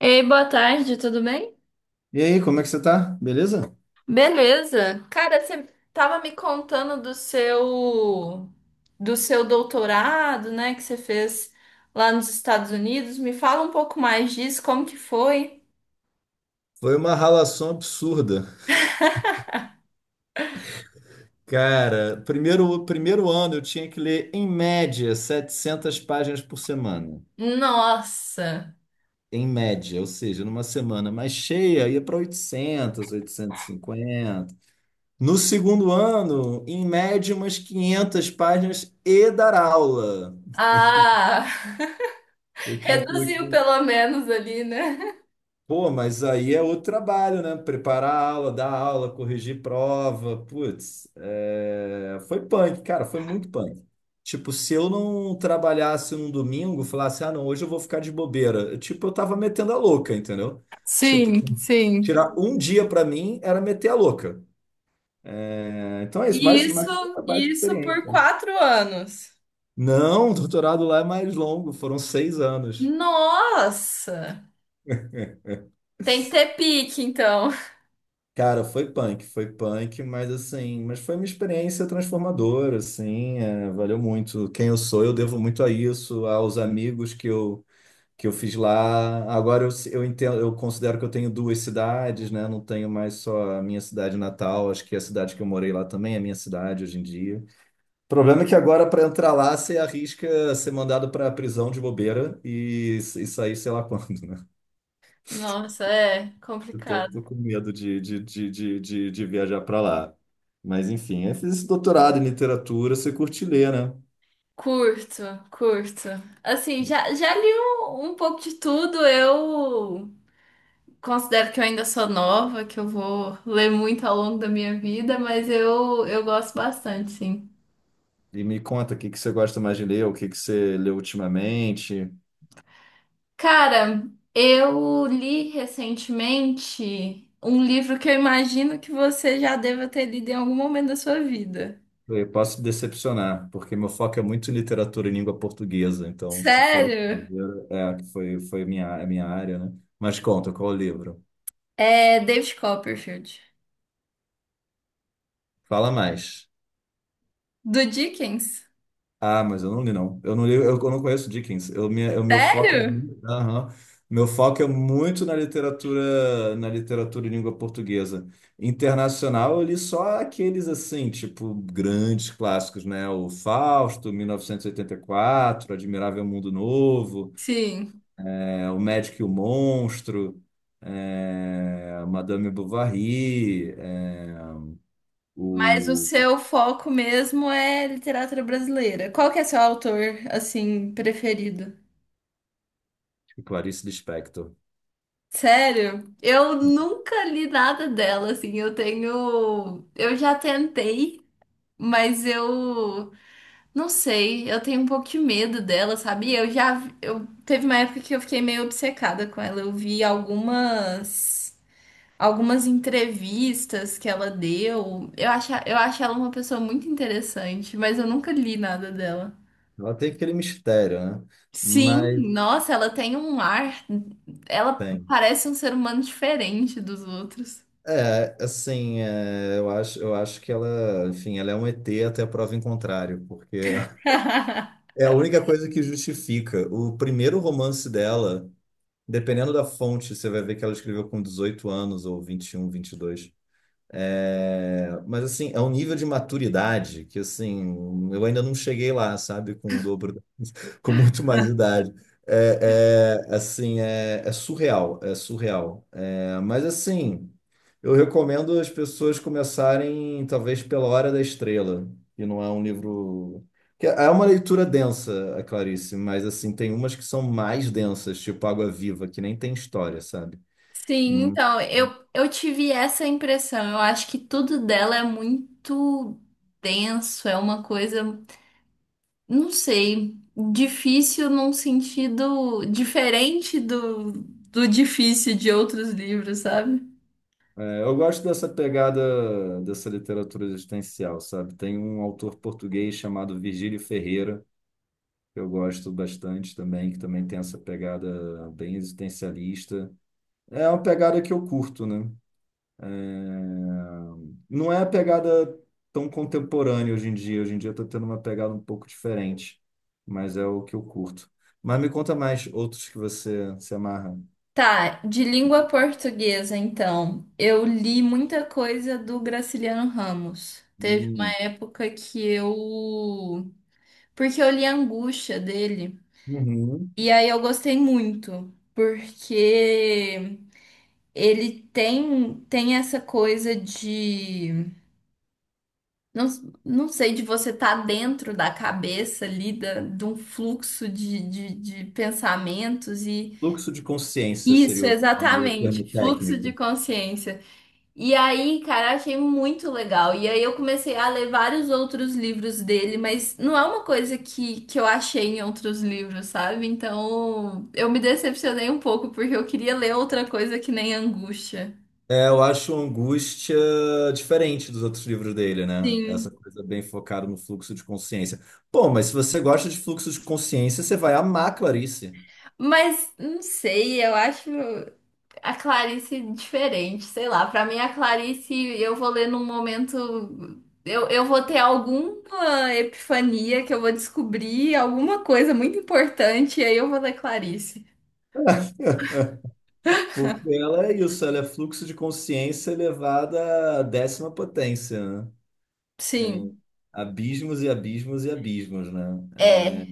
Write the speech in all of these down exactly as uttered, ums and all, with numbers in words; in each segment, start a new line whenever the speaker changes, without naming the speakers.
Ei, boa tarde, tudo bem?
E aí, como é que você tá? Beleza?
Beleza. Cara, você tava me contando do seu do seu doutorado, né, que você fez lá nos Estados Unidos. Me fala um pouco mais disso, como que foi?
Foi uma ralação absurda. Cara, primeiro, primeiro ano eu tinha que ler, em média, setecentas páginas por semana.
Nossa.
Em média, ou seja, numa semana mais cheia, ia para oitocentas, oitocentas e cinquenta. No segundo ano, em média, umas quinhentas páginas e dar aula,
Ah,
o que inclui.
reduziu pelo menos ali, né?
Pô, mas aí é outro trabalho, né? Preparar a aula, dar aula, corrigir prova. Putz, é, foi punk, cara, foi muito punk. Tipo, se eu não trabalhasse num domingo, falasse, ah, não, hoje eu vou ficar de bobeira. eu, Tipo, eu tava metendo a louca, entendeu? Tipo,
Sim, sim.
tirar um dia pra mim era meter a louca. É, então é isso,
E
mas, mas
Isso,
foi uma baita
isso por
experiência.
quatro anos.
Não, o doutorado lá é mais longo, foram seis anos.
Nossa. Tem que ter pique, então.
Cara, foi punk, foi punk, mas assim, mas foi uma experiência transformadora, assim, é, valeu muito. Quem eu sou, eu devo muito a isso, aos amigos que eu, que eu fiz lá. Agora eu, eu entendo, eu considero que eu tenho duas cidades, né? Não tenho mais só a minha cidade natal, acho que a cidade que eu morei lá também é minha cidade hoje em dia. O problema é que agora para entrar lá você arrisca ser mandado para a prisão de bobeira e, e sair sei lá quando, né?
Nossa, é
Eu tô,
complicado.
tô com medo de, de, de, de, de, de viajar para lá. Mas enfim, eu fiz esse doutorado em literatura, você curte ler, né?
Curto, curto. Assim, já, já li um, um pouco de tudo. Eu considero que eu ainda sou nova, que eu vou ler muito ao longo da minha vida, mas eu, eu gosto bastante, sim.
E me conta o que que você gosta mais de ler, o que que você leu ultimamente.
Cara, eu li recentemente um livro que eu imagino que você já deva ter lido em algum momento da sua vida.
Eu posso decepcionar, porque meu foco é muito em literatura em língua portuguesa. Então, se for
Sério?
estrangeiro, é, que foi, foi minha, a minha área, né? Mas conta, qual o livro?
É David Copperfield,
Fala mais.
do Dickens.
Ah, mas eu não li, não. Eu não li, eu, eu não conheço Dickens. Eu, minha, o meu foco é,
Sério?
mu- aham. Meu foco é muito na literatura, na literatura em língua portuguesa. Internacional, eu li só aqueles assim, tipo, grandes clássicos, né? O Fausto, mil e e oitenta e quatro, Admirável Mundo Novo,
Sim.
é, O Médico e o Monstro, é, Madame Bovary, é,
Mas o
o
seu foco mesmo é literatura brasileira. Qual que é seu autor, assim, preferido?
tipo, Clarice Lispector.
Sério? Eu nunca li nada dela, assim. Eu tenho. Eu já tentei, mas eu não sei. Eu tenho um pouco de medo dela, sabe? Eu já. Eu... Teve uma época que eu fiquei meio obcecada com ela. Eu vi algumas. Algumas entrevistas que ela deu. Eu acho, eu acho ela uma pessoa muito interessante, mas eu nunca li nada dela.
Ela tem aquele mistério, né? Mas
Sim, nossa, ela tem um ar. Ela
tem.
parece um ser humano diferente dos outros.
É, assim, é, eu acho, eu acho que ela, enfim, ela é um E T até prova em contrário, porque é a única coisa que justifica. O primeiro romance dela, dependendo da fonte, você vai ver que ela escreveu com dezoito anos ou vinte, vinte e um, vinte e dois é, mas assim, é um nível de maturidade que assim, eu ainda não cheguei lá, sabe? Com o dobro, da- com muito mais idade. É, é, assim, é, é surreal, é surreal. É, mas assim, eu recomendo as pessoas começarem, talvez, pela Hora da Estrela, que não é um livro. Que é uma leitura densa, a Clarice, mas assim, tem umas que são mais densas, tipo Água Viva, que nem tem história, sabe?
Sim, então, eu, eu tive essa impressão. Eu acho que tudo dela é muito denso, é uma coisa, não sei, difícil num sentido diferente do, do difícil de outros livros, sabe?
É, eu gosto dessa pegada dessa literatura existencial, sabe? Tem um autor português chamado Virgílio Ferreira, que eu gosto bastante também, que também tem essa pegada bem existencialista. É uma pegada que eu curto, né? É, não é a pegada tão contemporânea hoje em dia. Hoje em dia eu tô tendo uma pegada um pouco diferente, mas é o que eu curto. Mas me conta mais outros que você se amarra.
Tá, de língua portuguesa, então. Eu li muita coisa do Graciliano Ramos. Teve uma
Hum.
época que eu. Porque eu li a Angústia dele.
Uhum.
E aí eu gostei muito. Porque ele tem, tem essa coisa de. Não, não sei, de você estar dentro da cabeça ali, da, de um fluxo de, de, de pensamentos. E
Fluxo de consciência
isso,
seria o nome, o
exatamente,
termo
fluxo de
técnico.
consciência. E aí, cara, achei muito legal. E aí eu comecei a ler vários outros livros dele, mas não é uma coisa que, que eu achei em outros livros, sabe? Então eu me decepcionei um pouco, porque eu queria ler outra coisa que nem Angústia.
É, eu acho Angústia diferente dos outros livros dele, né? Essa
Sim.
coisa bem focada no fluxo de consciência. Pô, mas se você gosta de fluxo de consciência, você vai amar Clarice.
Mas não sei, eu acho a Clarice diferente, sei lá. Pra mim, a Clarice eu vou ler num momento. Eu, eu vou ter alguma epifania que eu vou descobrir, alguma coisa muito importante, e aí eu vou ler Clarice.
Porque ela é isso, ela é fluxo de consciência elevada à décima potência, né? É,
Sim.
abismos e abismos e abismos, né?
É.
É,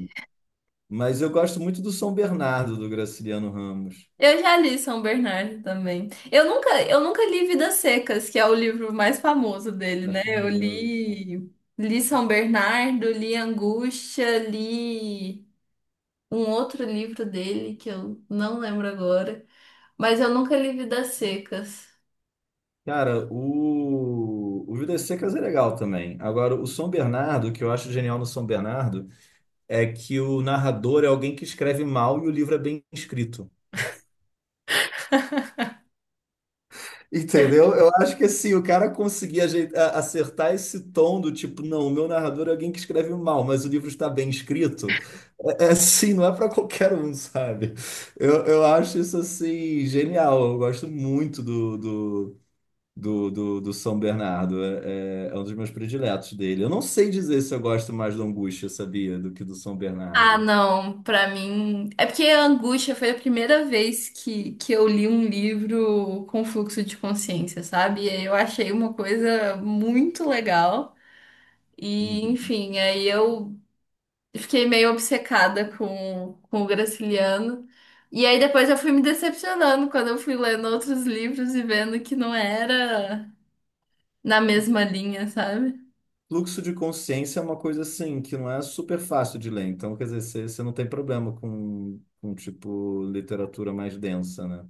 mas eu gosto muito do São Bernardo, do Graciliano Ramos.
Eu já li São Bernardo também. Eu nunca, eu nunca li Vidas Secas, que é o livro mais famoso dele, né?
Acho
Eu
famoso.
li, li São Bernardo, li Angústia, li um outro livro dele que eu não lembro agora, mas eu nunca li Vidas Secas.
Cara, o, o Vidas Secas é legal também. Agora, o São Bernardo, o que eu acho genial no São Bernardo, é que o narrador é alguém que escreve mal e o livro é bem escrito. Entendeu? Eu acho que assim, o cara conseguir ajeitar- acertar esse tom do tipo, não, o meu narrador é alguém que escreve mal, mas o livro está bem escrito. É, é assim, não é para qualquer um, sabe? Eu, eu acho isso assim, genial. Eu gosto muito do do, do, do São Bernardo. É, é- é um dos meus prediletos dele. Eu não sei dizer se eu gosto mais do Angústia, sabia, do que do São
Ah,
Bernardo.
não, pra mim. É porque a Angústia foi a primeira vez que, que eu li um livro com fluxo de consciência, sabe? E aí eu achei uma coisa muito legal. E,
Uhum.
enfim, aí eu fiquei meio obcecada com, com o Graciliano. E aí depois eu fui me decepcionando quando eu fui lendo outros livros e vendo que não era na mesma linha, sabe?
Fluxo de consciência é uma coisa assim que não é super fácil de ler. Então, quer dizer, você você não tem problema com, com tipo literatura mais densa, né?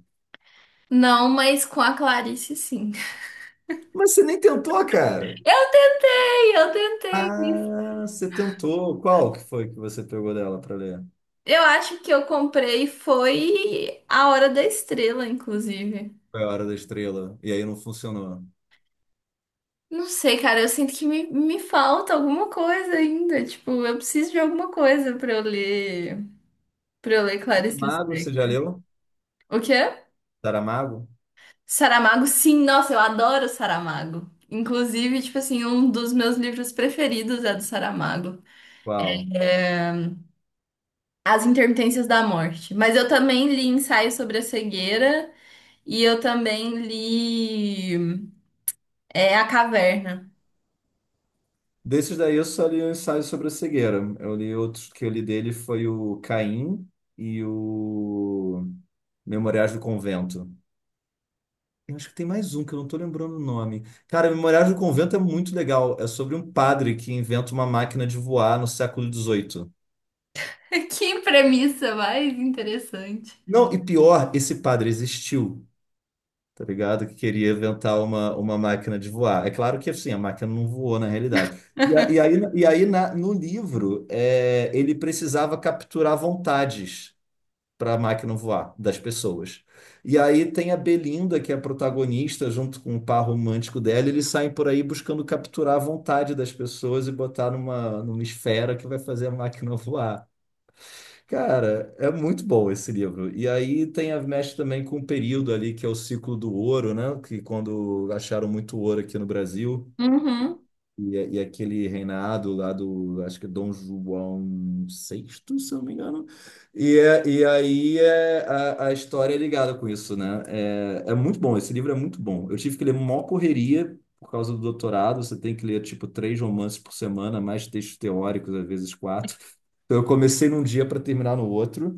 Não, mas com a Clarice, sim.
Mas você nem tentou, cara.
Eu tentei, eu tentei.
Ah, você tentou. Qual que foi que você pegou dela para ler?
Eu acho que eu comprei foi A Hora da Estrela, inclusive.
Foi a Hora da Estrela. E aí não funcionou.
Não sei, cara, eu sinto que me, me falta alguma coisa ainda. Tipo, eu preciso de alguma coisa pra eu ler, para eu ler Clarice
Saramago, você já
Lispector.
leu?
O quê?
Saramago?
Saramago, sim, nossa, eu adoro Saramago. Inclusive, tipo assim, um dos meus livros preferidos é do Saramago,
Qual?
As Intermitências da Morte. Mas eu também li Ensaio sobre a Cegueira e eu também li é, A Caverna.
Desses daí eu só li o Ensaio sobre a Cegueira. Eu li outros que eu li dele foi o Caim e o Memoriais do Convento. Eu acho que tem mais um que eu não tô lembrando o nome. Cara, Memoriais do Convento é muito legal. É sobre um padre que inventa uma máquina de voar no século dezoito.
Que premissa mais interessante.
Não, e pior, esse padre existiu, tá ligado? Que queria inventar uma, uma máquina de voar. É claro que assim, a máquina não voou na realidade. E, a- e aí, e aí na- no livro, é, ele precisava capturar vontades para a máquina voar das pessoas. E aí tem a Belinda, que é a protagonista, junto com o par romântico dela, e eles saem por aí buscando capturar a vontade das pessoas e botar numa, numa esfera que vai fazer a máquina voar. Cara, é muito bom esse livro. E aí tem a mexe também com o período ali, que é o ciclo do ouro, né? Que quando acharam muito ouro aqui no Brasil.
Uhum.
E, é, e é aquele reinado lá do, acho que é Dom João sexto, se eu não me engano. E, é- e aí é, a, a história é ligada com isso, né? É, é muito bom, esse livro é muito bom. Eu tive que ler mó correria por causa do doutorado, você tem que ler, tipo, três romances por semana, mais textos teóricos, às vezes quatro. Então eu comecei num dia para terminar no outro,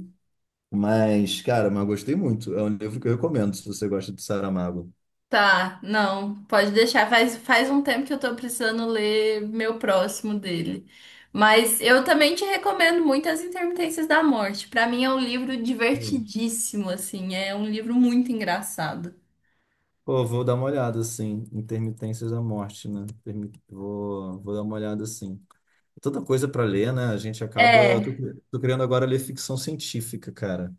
mas, cara, mas eu gostei muito. É um livro que eu recomendo se você gosta de Saramago.
Tá, não, pode deixar. Faz, faz um tempo que eu tô precisando ler meu próximo dele. Mas eu também te recomendo muito As Intermitências da Morte. Pra mim é um livro divertidíssimo, assim, é um livro muito engraçado.
Pô, vou dar uma olhada, assim, Intermitências da Morte, né? Permi- Vou, vou dar uma olhada, assim. Tanta coisa para ler, né? A gente acaba... Tô,
É,
tô querendo agora ler ficção científica, cara.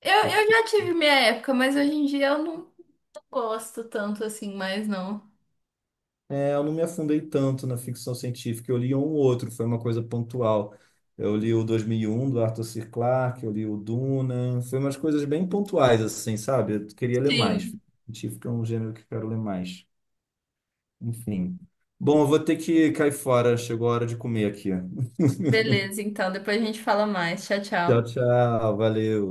eu, eu
Porque
já tive minha época, mas hoje em dia eu não, gosto tanto assim mais, não.
é, eu não me afundei tanto na ficção científica. Eu li um ou outro, foi uma coisa pontual. Eu li o dois mil e um do Arthur C. Clarke, eu li o Duna. Foi umas coisas bem pontuais, assim, sabe? Eu queria ler mais.
Sim,
Ficção científica é um gênero que eu quero ler mais. Enfim. Bom, eu vou ter que cair fora. Chegou a hora de comer aqui.
beleza, então depois a gente fala mais. Tchau,
Tchau,
tchau.
tchau. Valeu.